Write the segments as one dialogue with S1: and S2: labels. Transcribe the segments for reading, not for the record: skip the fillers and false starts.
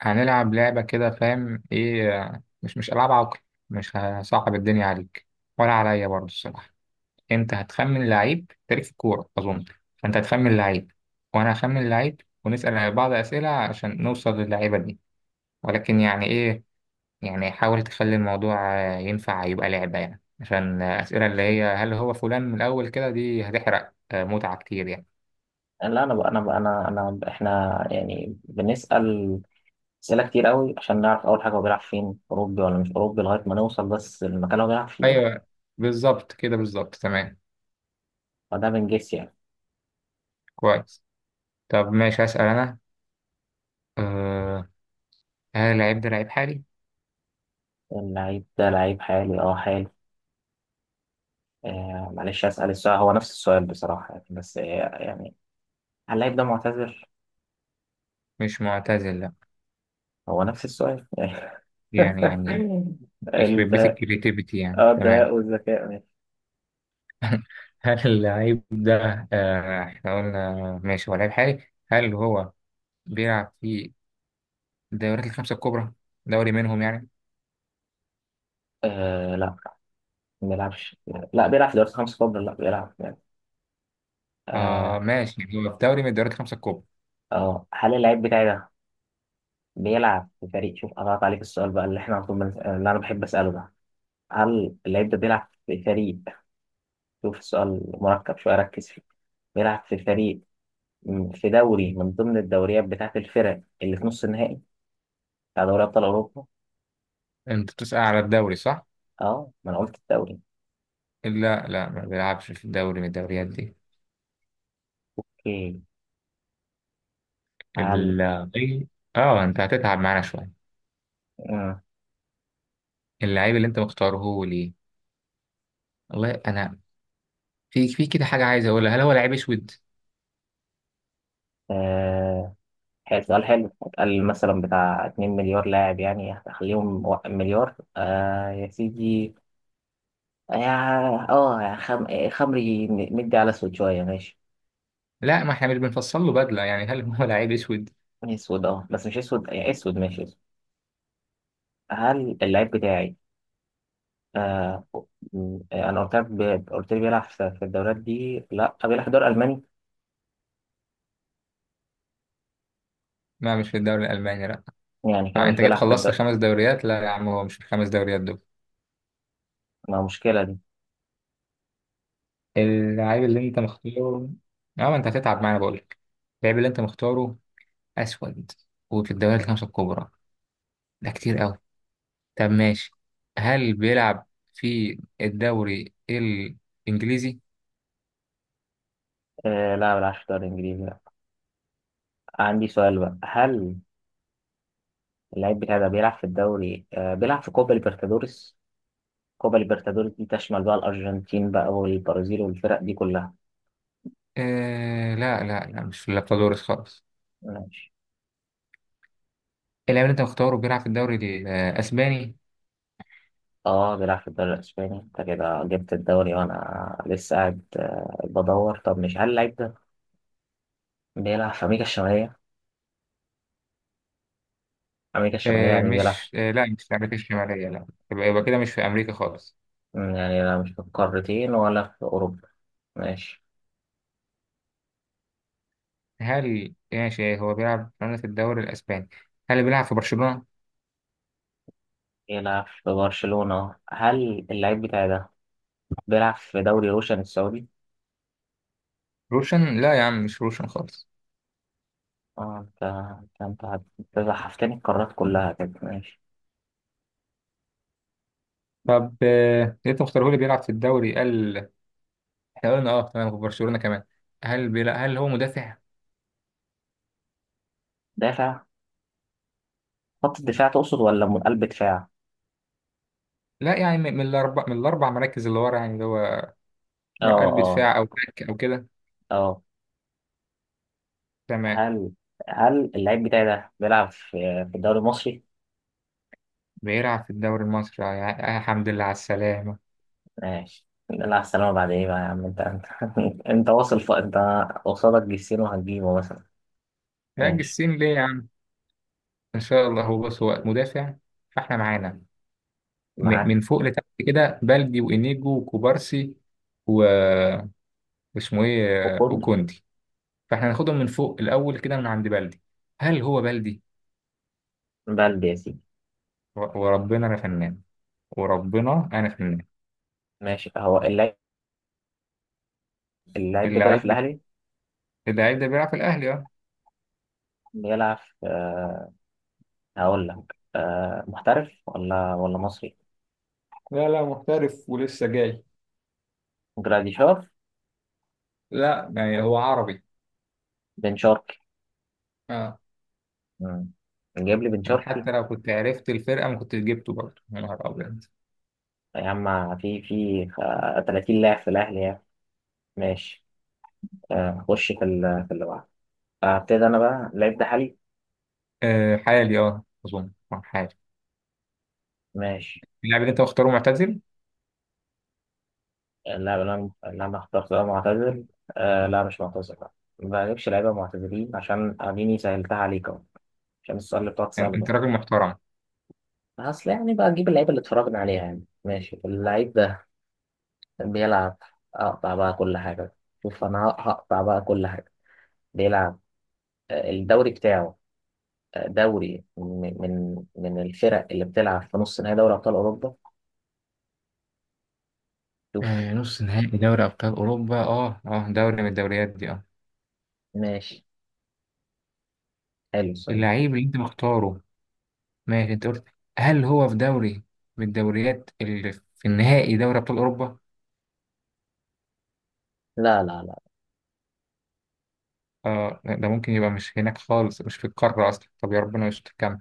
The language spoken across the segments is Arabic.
S1: هنلعب لعبة كده، فاهم إيه؟ مش ألعاب عقل. مش هصعب الدنيا عليك، ولا عليا برضه الصراحة. أنت هتخمن لعيب تاريخ الكورة أظن، فأنت هتخمن لعيب، وأنا هخمن لعيب، ونسأل بعض أسئلة عشان نوصل للعيبة دي. ولكن يعني إيه؟ يعني حاول تخلي الموضوع ينفع يبقى لعبة يعني، عشان أسئلة اللي هي هل هو فلان من الأول كده دي هتحرق متعة كتير يعني.
S2: لا انا بقى انا بقى انا انا احنا يعني بنسأل أسئلة كتير قوي عشان نعرف اول حاجة هو بيلعب فين، اوروبي ولا مش اوروبي، لغاية ما نوصل بس المكان اللي هو بيلعب فيه.
S1: أيوه بالظبط كده، بالظبط تمام.
S2: فده بنجس يعني.
S1: كويس. طب ماشي هسأل أنا. آه، هل اللعيب ده لعيب حالي؟
S2: اللعيب ده لعيب حالي، اه حالي. معلش أسأل السؤال، هو نفس السؤال بصراحة يعني، بس يعني هل اللعيب ده معتذر؟
S1: مش معتزل، لا.
S2: هو نفس السؤال.
S1: يعني يخرب بيت
S2: ده.
S1: الكريتيفيتي يعني،
S2: اه
S1: تمام.
S2: ده والذكاء ماشي.
S1: هل اللعيب ده، احنا قلنا ماشي هو لعيب حالي، هل هو بيلعب في الدوريات الخمسة الكبرى؟ دوري منهم يعني؟
S2: لا، ما بيلعبش، لا بيلعب في دوري خمسة كبرى، لا بيلعب يعني.
S1: آه
S2: اه.
S1: ماشي، يعني هو في دوري من الدوريات الخمسة الكبرى.
S2: هل اللعيب بتاعي ده بيلعب في فريق؟ شوف قطعت عليك السؤال بقى اللي احنا على طول اللي انا بحب اساله ده. هل اللعيب ده بيلعب في فريق؟ شوف السؤال مركب شويه، ركز فيه. بيلعب في فريق في دوري من ضمن الدوريات بتاعه الفرق اللي في نص النهائي بتاع دوري ابطال اوروبا.
S1: انت بتسأل على الدوري، صح؟
S2: اه، ما انا قلت الدوري.
S1: لا، ما بيلعبش في دوري من الدوريات دي.
S2: اوكي، هل
S1: اللعيب، اه انت هتتعب معانا شوية.
S2: مم.
S1: اللعيب اللي انت مختاره هو ليه؟ والله انا، في كده حاجة عايز اقولها، هل هو لعيب اسود؟
S2: آه. حلو، سؤال حلو. قال مثلا بتاع 2 مليار لاعب يعني، هخليهم مليار. يا سيدي، اه خمري مدي على اسود شويه، ماشي.
S1: لا، ما احنا مش بنفصل له بدله يعني، هل هو لعيب اسود؟
S2: اسود، اه بس مش اسود يعني، اسود ماشي اسود. هل اللعيب بتاعي آه انا قلت لك قلت لي بيلعب في في الدوريات دي، لا. بيلعب في الدوري الالماني؟
S1: لا مش في الدوري الالماني، لا.
S2: يعني كده
S1: آه
S2: مش
S1: انت كده
S2: بيلعب في
S1: خلصت
S2: الدوري.
S1: خمس دوريات، لا يا عم، هو مش في الخمس دوريات دول.
S2: ما مشكلة دي.
S1: اللعيب اللي انت مختاره، اه ما انت هتتعب معانا بقول لك، اللعيب اللي انت مختاره اسود وفي الدوريات الخمسه الكبرى، ده كتير قوي. طب ماشي، هل بيلعب في الدوري الانجليزي؟
S2: لا، بيلعب في الدوري الانجليزي، لا. عندي سؤال بقى، هل اللعيب بتاعي ده بيلعب في الدوري بيلعب في كوبا ليبرتادوريس؟ كوبا ليبرتادوريس دي تشمل بقى الارجنتين بقى والبرازيل والفرق دي كلها.
S1: آه لا مش في لابتادورس خالص.
S2: ماشي.
S1: اللاعب اللي انت مختاره بيلعب في الدوري الاسباني.
S2: اه، بيلعب في الدوري الاسباني؟ انت كده جبت الدوري وانا لسه قاعد بدور. طب مش هل اللعيب ده بيلعب في امريكا الشماليه؟ امريكا الشماليه
S1: آه
S2: يعني، بيلعب
S1: مش آه لا مش في أمريكا الشمالية، لا. يبقى كده مش في أمريكا خالص.
S2: يعني لا مش في القارتين ولا في اوروبا. ماشي،
S1: هل ماشي هو بيلعب في رنة الدوري الأسباني، هل بيلعب في برشلونة؟
S2: بيلعب في برشلونه. هل اللعيب بتاعي ده بيلعب في دوري روشن السعودي؟
S1: روشن؟ لا يا عم مش روشن خالص.
S2: اه، انت أنت زحفتني القارات كلها كده. ماشي.
S1: طب آه أنت مختاره لي بيلعب في الدوري، قال، إحنا قلنا أه تمام في برشلونة كمان. هل هل هو مدافع؟
S2: دافع، خط الدفاع تقصد ولا من قلب دفاع؟
S1: لا يعني من من الأربع مراكز اللي ورا يعني، اللي هو
S2: اه،
S1: قلب
S2: اه،
S1: دفاع أو باك أو كده.
S2: اه.
S1: تمام.
S2: هل هل اللعيب بتاعي ده بيلعب في الدوري المصري؟
S1: بيلعب في الدوري المصري، يا يا حمد لله على السلامة.
S2: ماشي. لا السلامة بعد ايه بقى يا عم، انت انت واصل انت قصادك جسيم وهتجيبه مثلا.
S1: يا
S2: ماشي،
S1: السين ليه يا عم؟ ان شاء الله. هو بص هو مدافع، فاحنا معانا من
S2: معاك.
S1: فوق لتحت كده، بلدي وانيجو وكوبارسي و- واسمه ايه
S2: وكل
S1: وكوندي، فاحنا هناخدهم من فوق الاول كده من عند بلدي. هل هو بلدي؟
S2: بلدي يا سيدي.
S1: وربنا انا فنان، وربنا انا فنان.
S2: ماشي، هو اللاعب ده بيلعب في
S1: اللعيب بت-
S2: الأهلي.
S1: اللعيب ده بيلعب في الاهلي، اه.
S2: بيلعب في هقول لك. محترف ولا مصري؟
S1: لا لا محترف ولسه جاي.
S2: جراديشار؟
S1: لا يعني هو عربي.
S2: بن شرقي؟
S1: اه.
S2: مم. جايب لي بن
S1: يعني
S2: شرقي!
S1: حتى لو كنت عرفت الفرقه ما كنتش جبته برضه، يا نهار ابيض.
S2: يا عم في في 30 لاعب في الأهلي يعني. ماشي. خش في في اللي بعده. ابتدي انا بقى، اللعيب ده حالي.
S1: آه حالي، اه اظن حالي.
S2: ماشي.
S1: اللاعب اللي انت مختاره معتزل؟
S2: لا، انا اخترت ده معتزل؟ لا مش معتزل، لا. ما بجيبش لعيبه معتزلين عشان اديني سهلتها عليك اهو، عشان السؤال اللي بتقعد تساله
S1: انت
S2: ده.
S1: راجل محترم.
S2: اصل يعني بقى اجيب اللعيبه اللي اتفرجنا عليها يعني. ماشي، اللعيب ده بيلعب، اقطع بقى كل حاجه، شوف انا هقطع بقى كل حاجه، بيلعب الدوري بتاعه دوري من الفرق اللي بتلعب في نص نهائي دوري ابطال اوروبا. شوف.
S1: نص نهائي دوري ابطال اوروبا، اه اه دوري من الدوريات دي، اه.
S2: ماشي، حلو السؤال ده.
S1: اللعيب اللي انت مختاره، ماشي انت قلت هل هو في دوري من الدوريات اللي في النهائي دوري ابطال اوروبا.
S2: لا.
S1: اه لا، ده ممكن يبقى مش هناك خالص، مش في القاره اصلا، طب يا ربنا مش تكمل.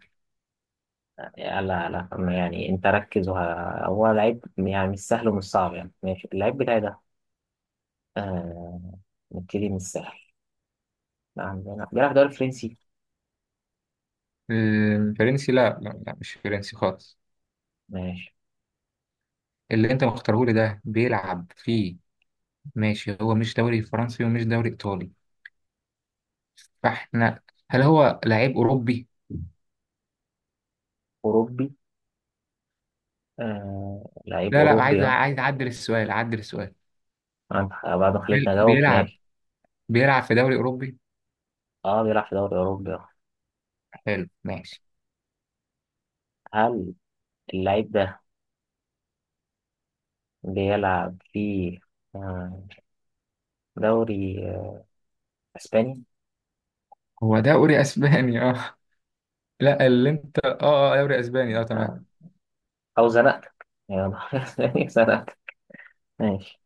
S2: لا، ما يعني انت ركز هو لعيب يعني مش سهل ومش صعب يعني. ماشي، اللعيب بتاعي ده آه... نبتدي من السهل، عندنا بيلعب دوري فرنسي؟
S1: الفرنسي لا مش فرنسي خالص.
S2: ماشي.
S1: اللي انت مختاره لي ده بيلعب فيه، ماشي هو مش دوري فرنسي ومش دوري ايطالي، فاحنا هل هو لعيب اوروبي؟
S2: أوروبي، لعيب
S1: لا عايز،
S2: أوروبي، اه.
S1: عايز اعدل السؤال.
S2: عند- بعد ما خليتني أجاوب،
S1: بيلعب،
S2: ماشي.
S1: بيلعب في دوري أوروبي؟
S2: اه، بيلعب في دوري أوروبي، اه.
S1: حلو ماشي.
S2: هل اللعيب ده بيلعب في آه... دوري أسباني؟
S1: هو دوري أسباني، اه. لا اللي انت اه، دوري أسباني اه، تمام.
S2: آه... أو زنقتك يعني دوري أسباني زنقتك ماشي.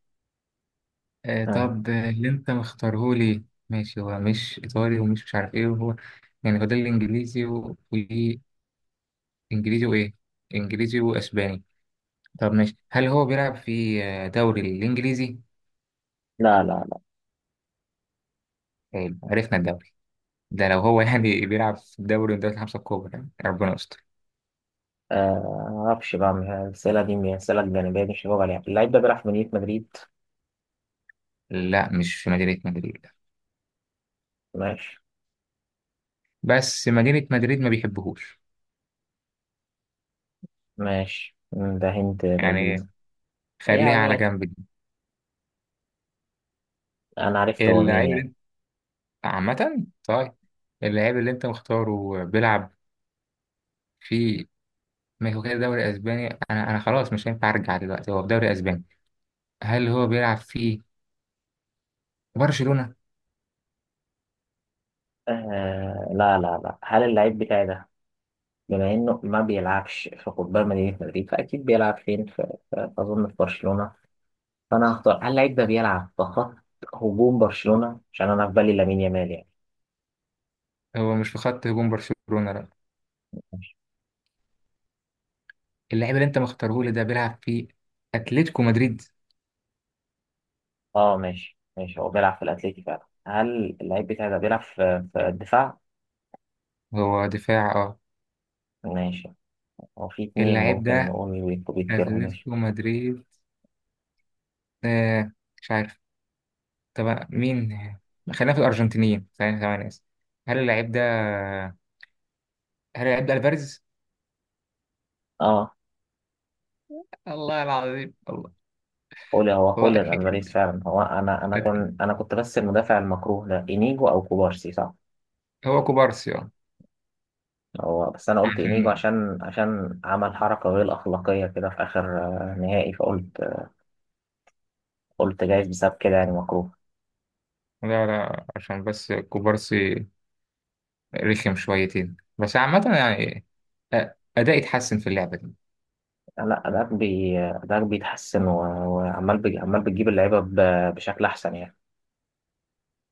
S1: آه
S2: آه.
S1: طب اللي انت مختاره لي، ماشي هو مش إيطالي ومش مش عارف ايه، وهو يعني هو ده الإنجليزي وإنجليزي وإيه، إنجليزي وأسباني. طب ماشي، هل هو بيلعب في دوري الإنجليزي؟
S2: لا، لا.
S1: حلو عرفنا الدوري ده. لو هو يعني بيلعب في دوري من دوري الخمسة الكبرى يعني ربنا يستر.
S2: معرفش بقى، من الأسئلة دي من الأسئلة الجانبية دي مش هجاوب عليها. اللعيب ده بيلعب في مدينة مدريد.
S1: لا مش في مدينة مدريد.
S2: ماشي،
S1: بس مدينة مدريد ما بيحبهوش
S2: ماشي ده هنت لذيذ
S1: يعني، خليها على
S2: يعني.
S1: جنب دي.
S2: أنا عرفت هو مين
S1: اللعيب اللي
S2: يعني.
S1: انت، عامة طيب، اللعيب اللي انت مختاره بيلعب في ميكو كده دوري اسباني، انا خلاص مش هينفع ارجع دلوقتي، هو في دوري اسباني. هل هو بيلعب في برشلونة؟
S2: لا، لا. هل اللعيب بتاعي ده، بما إنه ما بيلعبش في قطبان مدينة مدريد فأكيد بيلعب فين، في أظن في برشلونة، فأنا هختار. هل اللعيب ده بيلعب في خط هجوم برشلونة؟ عشان أنا في بالي لامين يامال يعني.
S1: هو مش في خط هجوم برشلونة، لا. اللعيب اللي انت مختاره لي ده بيلعب في اتلتيكو مدريد.
S2: اه ماشي، ماشي. هو بيلعب في الأتليتي فعلا. هل اللعيب بتاعي ده بيلعب في في الدفاع؟
S1: هو دفاع، اه.
S2: ماشي، هو في اتنين
S1: اللعيب
S2: ممكن
S1: ده
S2: نقول ويتكرهوا. ماشي.
S1: اتلتيكو مدريد، آه مش عارف. طب مين، خلينا في الارجنتينيين، ثواني ثواني اسف. هل اللعيب ده، هل هيبدأ الفاريز؟
S2: اه،
S1: الله العظيم، الله.
S2: قول هو
S1: الله
S2: خوليان الفاريز
S1: اتأكد،
S2: فعلا هو. انا انا
S1: أت-
S2: كنت انا كنت بس المدافع المكروه ده انيجو او كوبارسي، صح؟
S1: هو كوبارسي اه.
S2: هو بس انا قلت انيجو
S1: عشان،
S2: عشان عشان عمل حركه غير اخلاقيه كده في اخر نهائي، فقلت، قلت جايز بسبب كده يعني مكروه.
S1: لا عشان بس كوبارسي رخم شويتين، بس عامة يعني أ- أداء يتحسن في اللعبة دي.
S2: لا، ده ده بيتحسن وعمال عمال بتجيب اللعيبه بشكل احسن يعني.